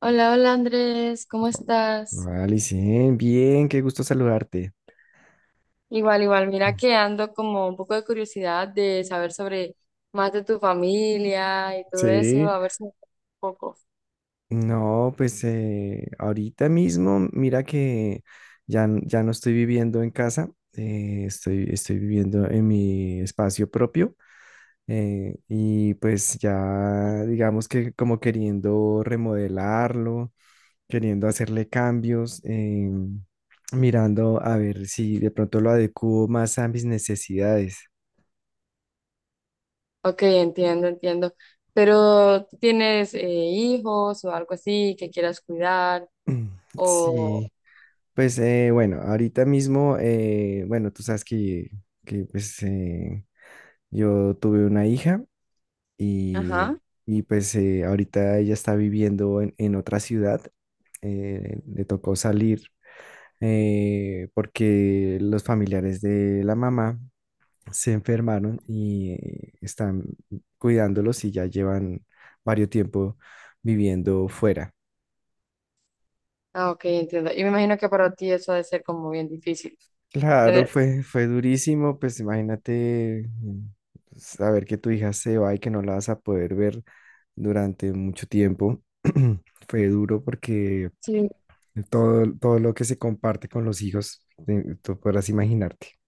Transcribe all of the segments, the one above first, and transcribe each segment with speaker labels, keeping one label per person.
Speaker 1: Hola, hola Andrés, ¿cómo
Speaker 2: No.
Speaker 1: estás?
Speaker 2: Hola, Licen, bien, qué gusto saludarte.
Speaker 1: Igual, igual, mira que ando como un poco de curiosidad de saber sobre más de tu familia y todo eso,
Speaker 2: Sí,
Speaker 1: a ver si me cuentas un poco.
Speaker 2: no, pues ahorita mismo, mira que ya, ya no estoy viviendo en casa, estoy viviendo en mi espacio propio, y pues ya digamos que como queriendo remodelarlo, queriendo hacerle cambios, mirando a ver si de pronto lo adecuo más a mis necesidades.
Speaker 1: Ok, entiendo, entiendo. Pero ¿tú tienes hijos o algo así que quieras cuidar o...
Speaker 2: Sí, pues bueno, ahorita mismo, bueno, tú sabes que, pues yo tuve una hija
Speaker 1: Ajá.
Speaker 2: y, y, pues ahorita ella está viviendo en otra ciudad. Le tocó salir, porque los familiares de la mamá se enfermaron y están cuidándolos y ya llevan varios tiempo viviendo fuera.
Speaker 1: Ah, ok, entiendo. Y me imagino que para ti eso ha de ser como bien difícil.
Speaker 2: Claro,
Speaker 1: Tener-
Speaker 2: fue durísimo, pues imagínate, saber que tu hija se va y que no la vas a poder ver durante mucho tiempo. Fue duro porque
Speaker 1: Sí.
Speaker 2: todo lo que se comparte con los hijos, tú podrás imaginarte.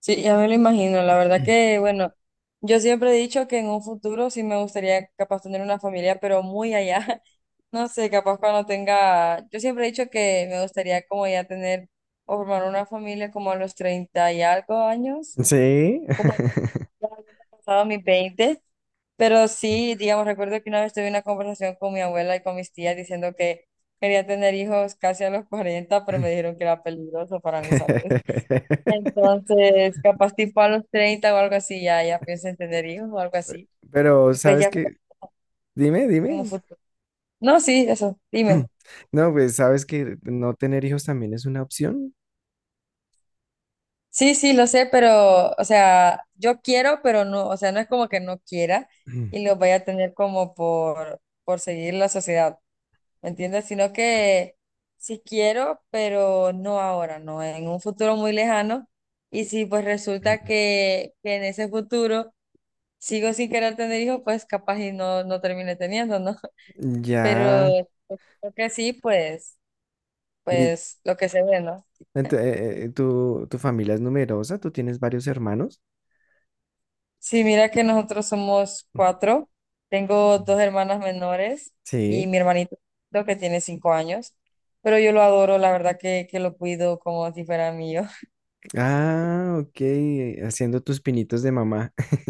Speaker 1: Sí, ya me lo imagino. La verdad que, bueno, yo siempre he dicho que en un futuro sí me gustaría capaz tener una familia, pero muy allá. No sé, capaz cuando tenga, yo siempre he dicho que me gustaría como ya tener o formar una familia como a los 30 y algo años,
Speaker 2: Sí.
Speaker 1: como ya habiendo pasado mis 20. Pero sí, digamos, recuerdo que una vez tuve una conversación con mi abuela y con mis tías diciendo que quería tener hijos casi a los 40, pero me dijeron que era peligroso para mi salud. Entonces, capaz tipo a los 30 o algo así, ya, ya pienso en tener hijos o algo así.
Speaker 2: Pero,
Speaker 1: Pues
Speaker 2: ¿sabes
Speaker 1: ya
Speaker 2: qué? Dime,
Speaker 1: en un
Speaker 2: dime.
Speaker 1: futuro. No, sí, eso, dime.
Speaker 2: No, pues, ¿sabes que no tener hijos también es una opción?
Speaker 1: Sí, sí, lo sé, pero, o sea, yo quiero, pero no, o sea, no es como que no quiera y lo vaya a tener como por seguir la sociedad, ¿me entiendes? Sino que sí quiero, pero no ahora, no, en un futuro muy lejano. Y si pues resulta que, en ese futuro sigo sin querer tener hijos, pues capaz y no, no termine teniendo, ¿no? Pero
Speaker 2: Ya.
Speaker 1: creo que sí, pues,
Speaker 2: y-
Speaker 1: pues lo que se ve, ¿no?
Speaker 2: ¿Tu, tu familia es numerosa? ¿Tú tienes varios hermanos?
Speaker 1: Sí, mira que nosotros somos cuatro. Tengo dos hermanas menores y
Speaker 2: Sí.
Speaker 1: mi hermanito lo que tiene 5 años. Pero yo lo adoro, la verdad que, lo cuido como si fuera mío.
Speaker 2: Ah, ok. Haciendo tus pinitos de mamá.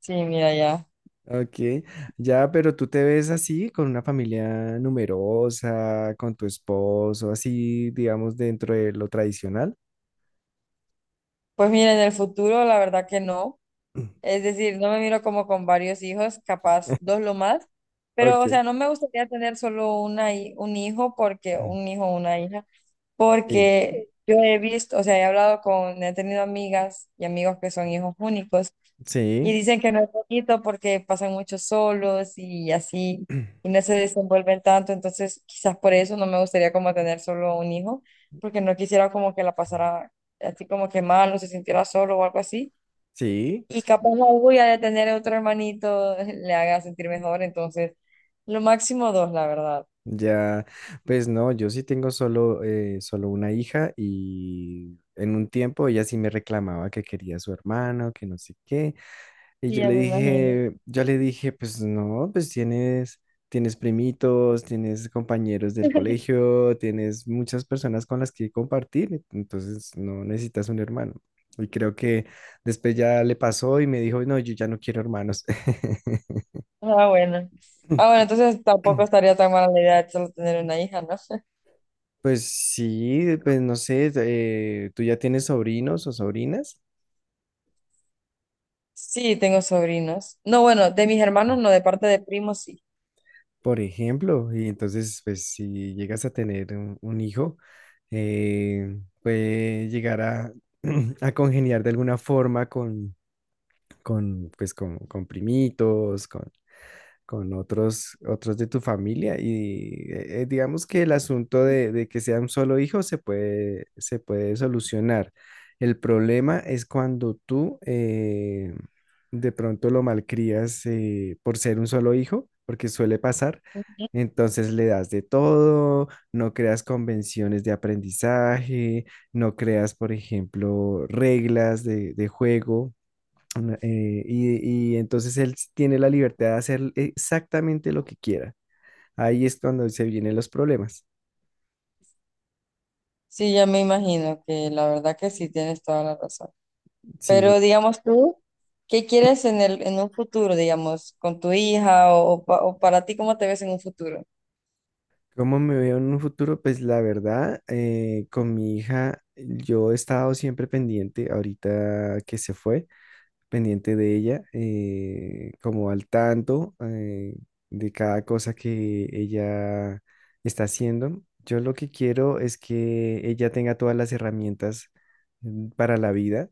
Speaker 1: Sí, mira ya.
Speaker 2: Ok. Ya, pero tú te ves así, con una familia numerosa, con tu esposo, así, digamos, dentro de lo tradicional.
Speaker 1: Pues mira, en el futuro la verdad que no. Es decir, no me miro como con varios hijos, capaz dos lo más. Pero, o
Speaker 2: Ok.
Speaker 1: sea, no me gustaría tener solo un hijo porque un hijo o una hija
Speaker 2: Sí.
Speaker 1: porque yo he visto, o sea, he hablado con, he tenido amigas y amigos que son hijos únicos y
Speaker 2: Sí.
Speaker 1: dicen que no es bonito porque pasan mucho solos y así, y no se desenvuelven tanto, entonces quizás por eso no me gustaría como tener solo un hijo, porque no quisiera como que la pasara así como que mal o se sintiera solo o algo así.
Speaker 2: Sí.
Speaker 1: Y capaz la orgullo de tener otro hermanito le haga sentir mejor, entonces lo máximo dos, la verdad.
Speaker 2: Ya, pues no, yo sí tengo solo, solo una hija y en un tiempo ella sí me reclamaba que quería a su hermano, que no sé qué. Y
Speaker 1: Sí, ya me imagino.
Speaker 2: yo le dije, pues no, pues tienes primitos, tienes compañeros del colegio, tienes muchas personas con las que compartir, entonces no necesitas un hermano. Y creo que después ya le pasó y me dijo, no, yo ya no quiero hermanos.
Speaker 1: Ah, bueno. Ah, bueno, entonces tampoco estaría tan mala la idea de solo tener una hija, ¿no?
Speaker 2: Pues sí, pues no sé, tú ya tienes sobrinos o sobrinas,
Speaker 1: Sí, tengo sobrinos. No, bueno, de mis hermanos no, de parte de primos sí.
Speaker 2: por ejemplo, y entonces, pues si llegas a tener un hijo, puede llegar a, a congeniar de alguna forma con, pues, con primitos, con otros de tu familia y digamos que el asunto de que sea un solo hijo se puede solucionar. El problema es cuando tú de pronto lo malcrías, por ser un solo hijo, porque suele pasar. Entonces le das de todo, no creas convenciones de aprendizaje, no creas, por ejemplo, reglas de juego y entonces tiene la libertad de hacer exactamente lo que quiera. Ahí es cuando se vienen los problemas.
Speaker 1: Sí, ya me imagino que la verdad que sí tienes toda la razón.
Speaker 2: Sí,
Speaker 1: Pero digamos tú, ¿qué quieres en un futuro, digamos, con tu hija o, o para ti, cómo te ves en un futuro?
Speaker 2: ¿cómo me veo en un futuro? Pues la verdad, con mi hija, yo he estado siempre pendiente, ahorita que se fue, pendiente de ella, como al tanto, de cada cosa que ella está haciendo. Yo lo que quiero es que ella tenga todas las herramientas, para la vida,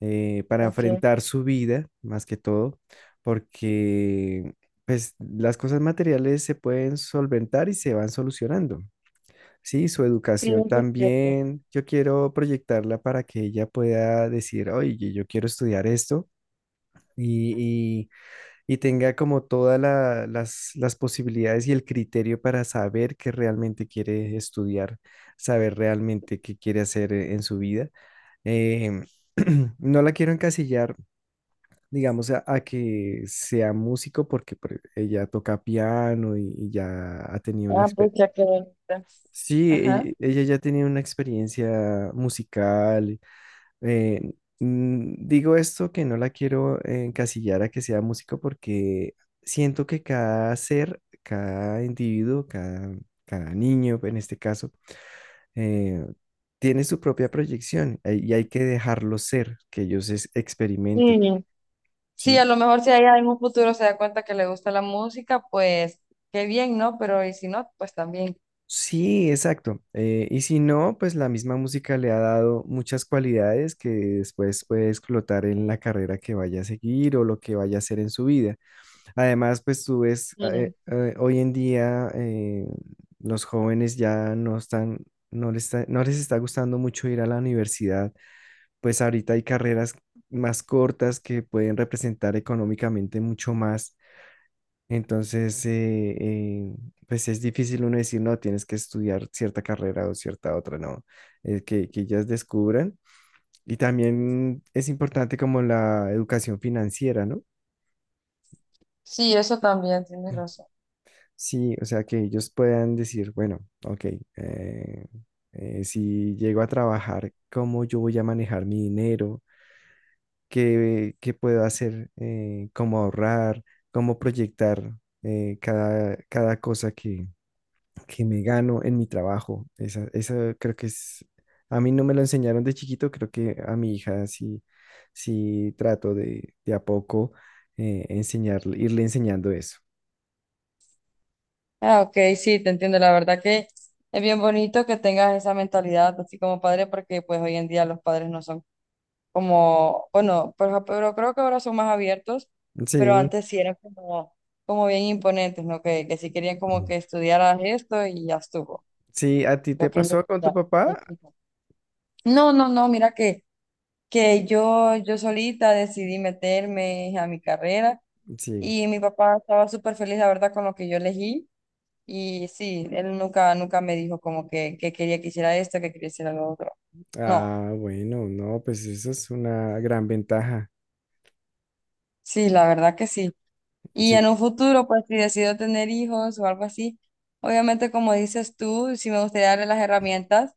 Speaker 2: para
Speaker 1: Ok,
Speaker 2: enfrentar su vida, más que todo, porque pues las cosas materiales se pueden solventar y se van solucionando. Sí, su
Speaker 1: sí,
Speaker 2: educación
Speaker 1: eso es cierto.
Speaker 2: también, yo quiero proyectarla para que ella pueda decir, oye, yo quiero estudiar esto y, y- y tenga como todas las posibilidades y el criterio para saber qué realmente quiere estudiar, saber realmente qué quiere hacer en su vida. Em, no la quiero encasillar, digamos, a que sea músico porque pues, ella toca piano y ya ha tenido una
Speaker 1: Ah, pues
Speaker 2: experiencia.
Speaker 1: ya que bonita.
Speaker 2: Sí,
Speaker 1: Ajá.
Speaker 2: ella ya ha tenido una experiencia musical. eh, digo esto que no la quiero encasillar a que sea músico porque siento que cada ser, cada individuo, cada niño en este caso, eh, tiene su propia proyección, y hay que dejarlo ser, que ellos experimenten.
Speaker 1: Sí. Sí,
Speaker 2: ¿Sí?
Speaker 1: a lo mejor si ella en un futuro se da cuenta que le gusta la música, pues qué bien, ¿no? Pero y si no, pues también.
Speaker 2: Sí, exacto. Y si no, pues la misma música le ha dado muchas cualidades que después puede explotar en la carrera que vaya a seguir o lo que vaya a hacer en su vida. Además, pues tú ves,
Speaker 1: Mm.
Speaker 2: hoy en día, los jóvenes ya no están, no les está gustando mucho ir a la universidad. Pues ahorita hay carreras más cortas que pueden representar económicamente mucho más. Entonces, pues es difícil uno decir, no, tienes que estudiar cierta carrera o cierta otra, no, que ellas descubran. Y también es importante como la educación financiera, ¿no?
Speaker 1: Sí, eso también, tienes razón.
Speaker 2: Sí, o sea, que ellos puedan decir, bueno, ok, eh, si llego a trabajar, ¿cómo yo voy a manejar mi dinero? ¿Qué, qué puedo hacer? ¿Cómo ahorrar? ¿Cómo proyectar, cada cosa que me gano en mi trabajo? Esa creo que es, a mí no me lo enseñaron de chiquito, creo que a mi hija sí, sí trato de a poco, enseñarle, irle enseñando eso.
Speaker 1: Ah, ok, sí, te entiendo. La verdad que es bien bonito que tengas esa mentalidad así como padre, porque pues hoy en día los padres no son como, bueno, pero creo que ahora son más abiertos, pero
Speaker 2: Sí,
Speaker 1: antes sí eran como, como bien imponentes, ¿no? Que, sí querían como que estudiaras esto y ya estuvo.
Speaker 2: sí, ¿a ti
Speaker 1: Lo
Speaker 2: te
Speaker 1: que yo-
Speaker 2: pasó con tu
Speaker 1: ya.
Speaker 2: papá?
Speaker 1: No, no, no, mira que yo solita decidí meterme a mi carrera
Speaker 2: Sí.
Speaker 1: y mi papá estaba súper feliz, la verdad, con lo que yo elegí y sí, él nunca, nunca me dijo como que, quería que hiciera esto, que quería hacer lo otro. No,
Speaker 2: Ah, bueno, no, pues eso es una gran ventaja.
Speaker 1: sí, la verdad que sí. Y
Speaker 2: Sí,
Speaker 1: en un futuro, pues si decido tener hijos o algo así, obviamente como dices tú, sí me gustaría darle las herramientas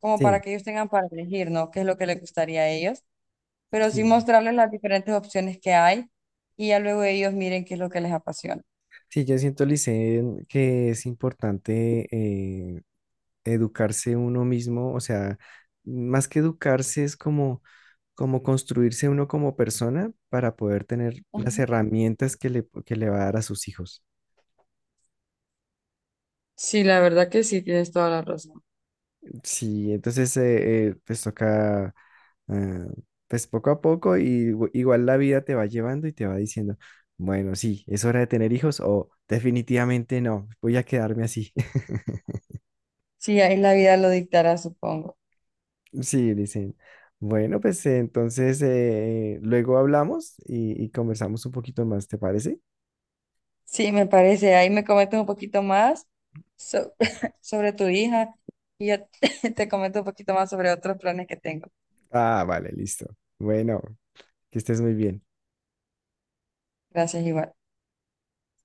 Speaker 1: como para
Speaker 2: sí,
Speaker 1: que ellos tengan para elegir, ¿no? ¿Qué es lo que les gustaría a ellos? Pero sí
Speaker 2: sí.
Speaker 1: mostrarles las diferentes opciones que hay y ya luego ellos miren qué es lo que les apasiona.
Speaker 2: Sí, yo siento, Licen, que es importante, educarse uno mismo, o sea, más que educarse es como, como construirse uno como persona para poder tener las herramientas que que le va a dar a sus hijos.
Speaker 1: Sí, la verdad que sí, tienes toda la razón.
Speaker 2: Sí, entonces pues toca, eh, pues poco a poco y igual la vida te va llevando y te va diciendo, bueno, sí, es hora de tener hijos o definitivamente no, voy a quedarme así.
Speaker 1: Sí, ahí la vida lo dictará, supongo.
Speaker 2: Sí, dicen. Bueno, pues entonces luego hablamos y conversamos un poquito más, ¿te parece?
Speaker 1: Sí, me parece. Ahí me comentas un poquito más so- sobre tu hija y yo te comento un poquito más sobre otros planes que tengo.
Speaker 2: Ah, vale, listo. Bueno, que estés muy bien.
Speaker 1: Gracias, igual.